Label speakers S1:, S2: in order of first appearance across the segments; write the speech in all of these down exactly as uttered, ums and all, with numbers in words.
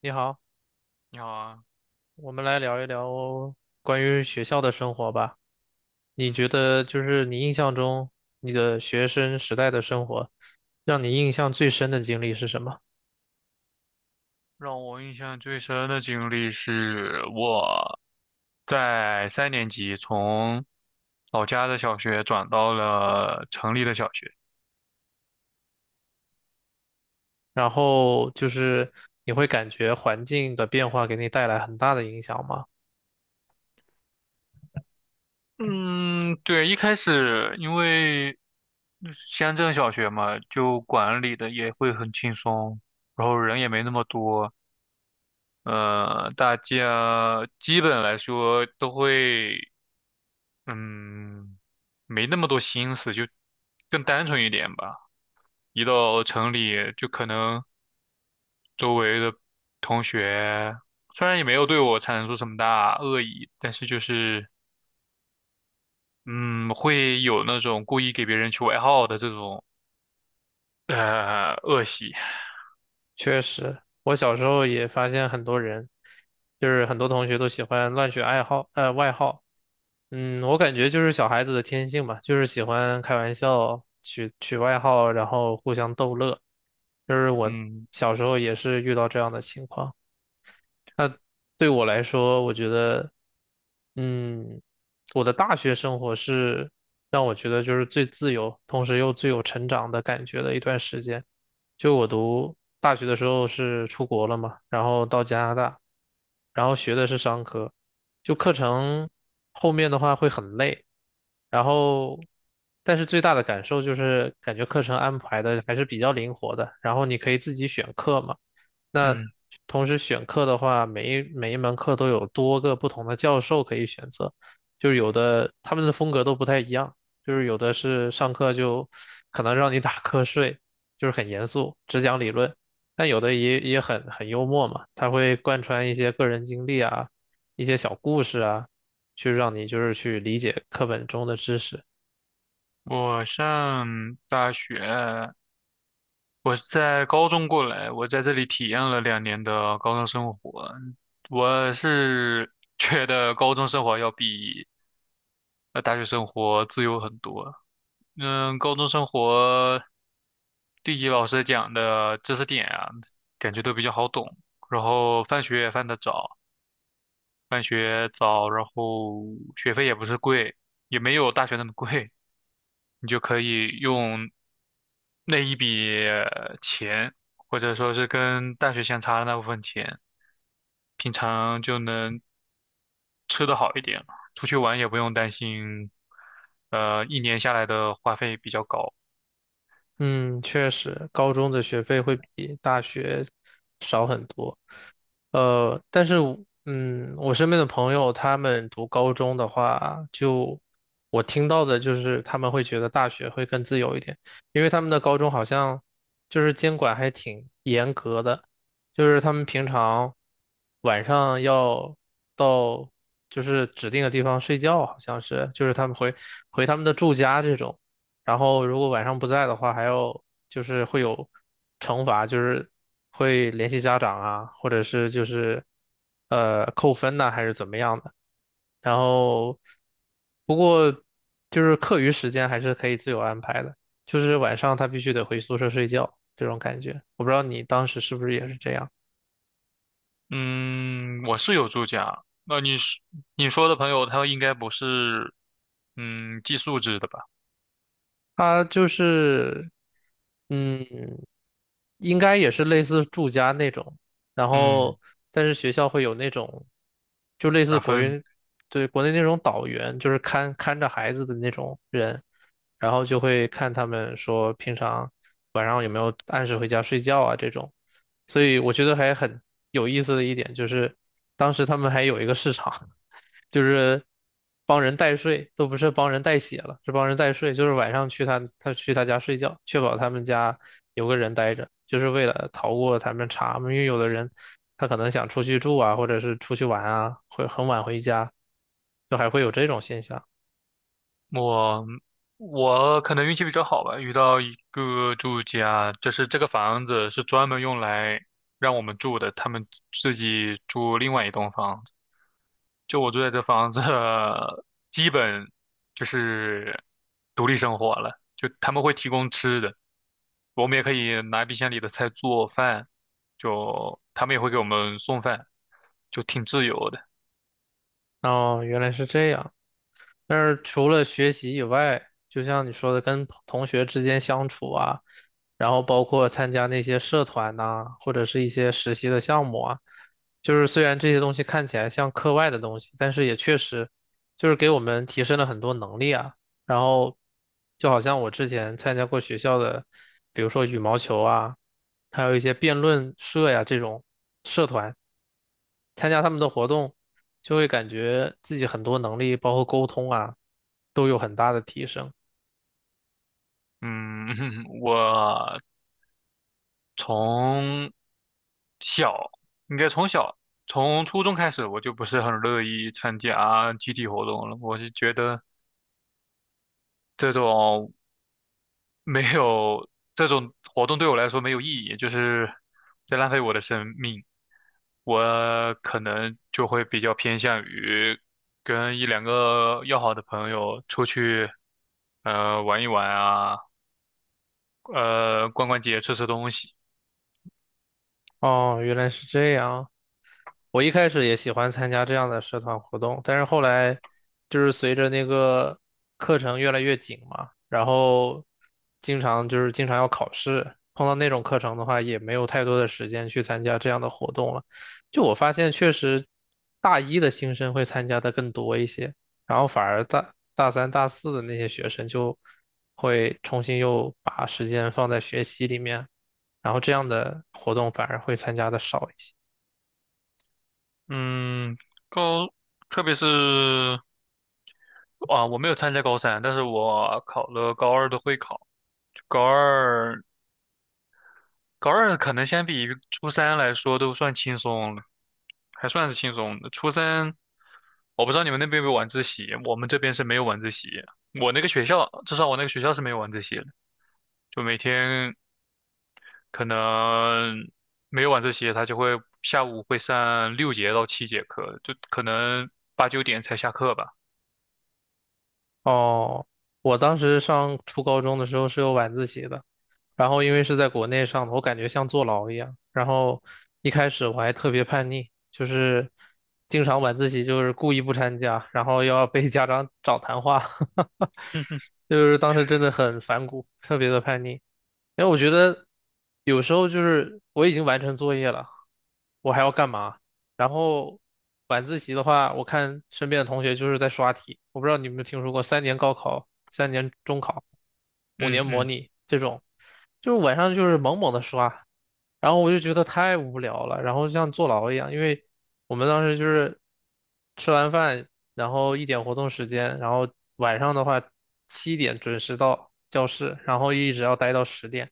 S1: 你好，
S2: 你好啊。
S1: 我们来聊一聊关于学校的生活吧。你觉
S2: 嗯，
S1: 得就是你印象中你的学生时代的生活，让你印象最深的经历是什么？
S2: 让我印象最深的经历是我在三年级从老家的小学转到了城里的小学。
S1: 然后就是你会感觉环境的变化给你带来很大的影响吗？
S2: 嗯，对，一开始因为乡镇小学嘛，就管理的也会很轻松，然后人也没那么多。呃，大家基本来说都会，嗯，没那么多心思，就更单纯一点吧。一到城里，就可能周围的同学虽然也没有对我产生出什么大恶意，但是就是嗯，会有那种故意给别人取外号的这种呃恶习。
S1: 确实，我小时候也发现很多人，就是很多同学都喜欢乱取爱好，呃，外号。嗯，我感觉就是小孩子的天性吧，就是喜欢开玩笑，取取外号，然后互相逗乐。就是我
S2: 嗯
S1: 小时候也是遇到这样的情况。那对我来说，我觉得，嗯，我的大学生活是让我觉得就是最自由，同时又最有成长的感觉的一段时间。就我读大学的时候是出国了嘛，然后到加拿大，然后学的是商科，就课程后面的话会很累，然后，但是最大的感受就是感觉课程安排的还是比较灵活的，然后你可以自己选课嘛。那
S2: 嗯，
S1: 同时选课的话，每一每一门课都有多个不同的教授可以选择，就是有的他们的风格都不太一样，就是有的是上课就可能让你打瞌睡，就是很严肃，只讲理论，但有的也也很很幽默嘛，他会贯穿一些个人经历啊，一些小故事啊，去让你就是去理解课本中的知识。
S2: 我上大学，我是在高中过来，我在这里体验了两年的高中生活。我是觉得高中生活要比呃大学生活自由很多。嗯，高中生活地理老师讲的知识点啊，感觉都比较好懂，然后放学也放得早，放学早，然后学费也不是贵，也没有大学那么贵，你就可以用那一笔呃钱，或者说是跟大学相差的那部分钱，平常就能吃得好一点，出去玩也不用担心。呃，一年下来的花费比较高。
S1: 嗯，确实，高中的学费会比大学少很多。呃，但是我嗯，我身边的朋友他们读高中的话，就我听到的就是他们会觉得大学会更自由一点，因为他们的高中好像就是监管还挺严格的，就是他们平常晚上要到就是指定的地方睡觉，好像是，就是他们回回他们的住家这种。然后如果晚上不在的话，还要就是会有惩罚，就是会联系家长啊，或者是就是呃扣分呐、还是怎么样的。然后就是课余时间还是可以自由安排的，就是晚上他必须得回宿舍睡觉这种感觉。我不知道你当时是不是也是这样。
S2: 嗯，我是有住家。那你是你说的朋友，他应该不是嗯寄宿制的吧？
S1: 他就是，嗯，应该也是类似住家那种，然
S2: 嗯，
S1: 后但是学校会有那种，就类似
S2: 打
S1: 国
S2: 分。
S1: 园，对，国内那种导员，就是看看着孩子的那种人，然后就会看他们说平常晚上有没有按时回家睡觉啊这种，所以我觉得还很有意思的一点就是，当时他们还有一个市场。就是帮人代睡，都不是帮人代写了，是帮人代睡，就是晚上去他他去他家睡觉，确保他们家有个人待着，就是为了逃过他们查嘛，因为有的人他可能想出去住啊，或者是出去玩啊，会很晚回家，就还会有这种现象。
S2: 我我可能运气比较好吧，遇到一个住家，就是这个房子是专门用来让我们住的，他们自己住另外一栋房子。就我住在这房子，基本就是独立生活了。就他们会提供吃的，我们也可以拿冰箱里的菜做饭，就他们也会给我们送饭，就挺自由的。
S1: 哦，原来是这样。但是除了学习以外，就像你说的，跟同同学之间相处啊，然后包括参加那些社团呐、或者是一些实习的项目啊，就是虽然这些东西看起来像课外的东西，但是也确实就是给我们提升了很多能力啊。然后就好像我之前参加过学校的，比如说羽毛球啊，还有一些辩论社呀这种社团。参加他们的活动，就会感觉自己很多能力，包括沟通啊，都有很大的提升。
S2: 嗯，我从小，应该从小，从初中开始，我就不是很乐意参加集体活动了。我就觉得这种没有这种活动对我来说没有意义，就是在浪费我的生命。我可能就会比较偏向于跟一两个要好的朋友出去。呃，玩一玩啊。呃，逛逛街，吃吃东西。
S1: 哦，原来是这样。我一开始也喜欢参加这样的社团活动，但是后来就是随着那个课程越来越紧嘛，然后经常就是经常要考试，碰到那种课程的话，也没有太多的时间去参加这样的活动了。就我发现，确实大一的新生会参加的更多一些，然后反而大大三、大四的那些学生就会重新又把时间放在学习里面，然后这样的活动反而会参加的少一些。
S2: 嗯，高，特别是啊，我没有参加高三，但是我考了高二的会考，高二。高二可能相比于初三来说都算轻松了，还算是轻松的。初三，我不知道你们那边有没有晚自习，我们这边是没有晚自习。我那个学校，至少我那个学校是没有晚自习的，就每天可能没有晚自习，他就会下午会上六节到七节课，就可能八九点才下课吧。
S1: 哦，我当时上初高中的时候是有晚自习的，然后因为是在国内上的，我感觉像坐牢一样。然后一开始我还特别叛逆，就是经常晚自习就是故意不参加，然后要被家长找谈话。就是当时真的很反骨，特别的叛逆。因为我觉得有时候就是我已经完成作业了，我还要干嘛？然后晚自习的话，我看身边的同学就是在刷题。我不知道你有没有听说过三年高考、三年中考、五
S2: 嗯
S1: 年模
S2: 嗯。
S1: 拟这种，就是晚上就是猛猛的刷，然后我就觉得太无聊了，然后像坐牢一样。因为我们当时就是吃完饭。然后一点活动时间，然后晚上的话七点准时到教室，然后一直要待到十点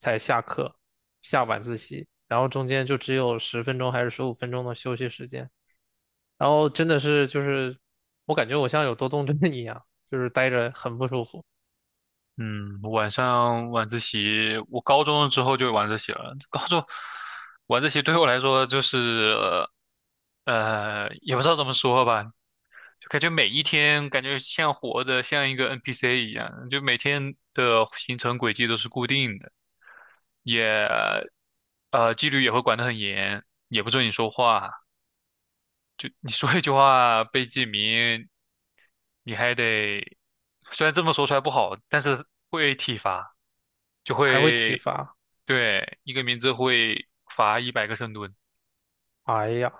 S1: 才下课，下晚自习，然后中间就只有十分钟还是十五分钟的休息时间，然后真的是就是我感觉我像有多动症一样，就是待着很不舒服，
S2: 嗯，晚上晚自习，我高中之后就有晚自习了。高中晚自习对我来说就是。呃，也不知道怎么说吧，就感觉每一天感觉像活的，像一个 N P C 一样，就每天的行程轨迹都是固定的。也，呃，纪律也会管得很严，也不准你说话，就你说一句话被记名，你还得，虽然这么说出来不好，但是会体罚，就
S1: 还会体
S2: 会。
S1: 罚，
S2: 对，一个名字会罚一百个深蹲。
S1: 哎呀。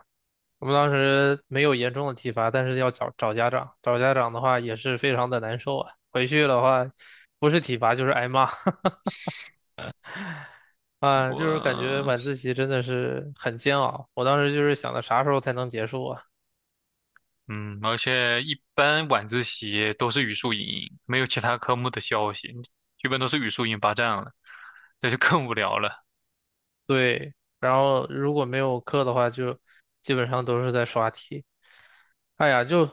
S1: 我们当时没有严重的体罚，但是要找找家长，找家长的话也是非常的难受啊。回去的话，不是体罚就是挨骂。啊，就是感觉
S2: 我，
S1: 晚自习真的是很煎熬。我当时就是想着啥时候才能结束啊？
S2: 嗯，而且一般晚自习都是语数英，没有其他科目的消息，基本都是语数英霸占了，这就更无聊了。
S1: 对，然后如果没有课的话，就基本上都是在刷题。哎呀，就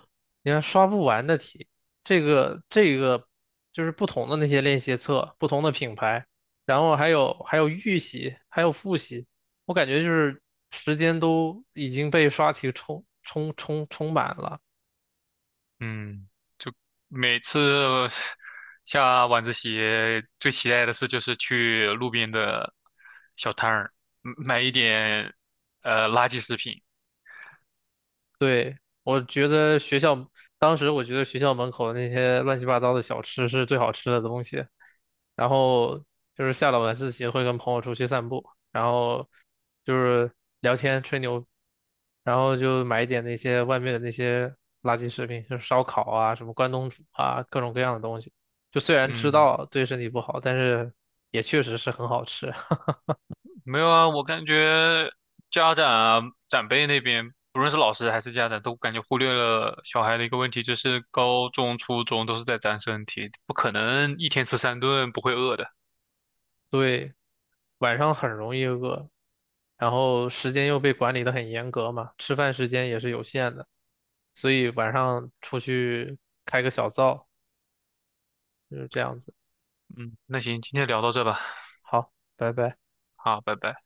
S1: 你看刷不完的题，这个这个就是不同的那些练习册，不同的品牌，然后还有还有预习，还有复习，我感觉就是时间都已经被刷题充充充充满了。
S2: 嗯，每次下晚自习最期待的事就是去路边的小摊儿嗯买一点呃垃圾食品。
S1: 对。我觉得学校当时我觉得学校门口的那些乱七八糟的小吃是最好吃的东西，然后就是下了晚自习会跟朋友出去散步，然后就是聊天吹牛，然后就买一点那些外面的那些垃圾食品，就是烧烤啊、什么关东煮啊，各种各样的东西。就虽然知
S2: 嗯，
S1: 道对身体不好，但是也确实是很好吃。
S2: 没有啊，我感觉家长啊、长辈那边，不论是老师还是家长，都感觉忽略了小孩的一个问题，就是高中、初中都是在长身体，不可能一天吃三顿不会饿的。
S1: 对，晚上很容易饿，然后时间又被管理的很严格嘛，吃饭时间也是有限的，所以晚上出去开个小灶，就是这样子。
S2: 嗯，那行，今天聊到这吧，
S1: 好，拜拜。
S2: 好，拜拜。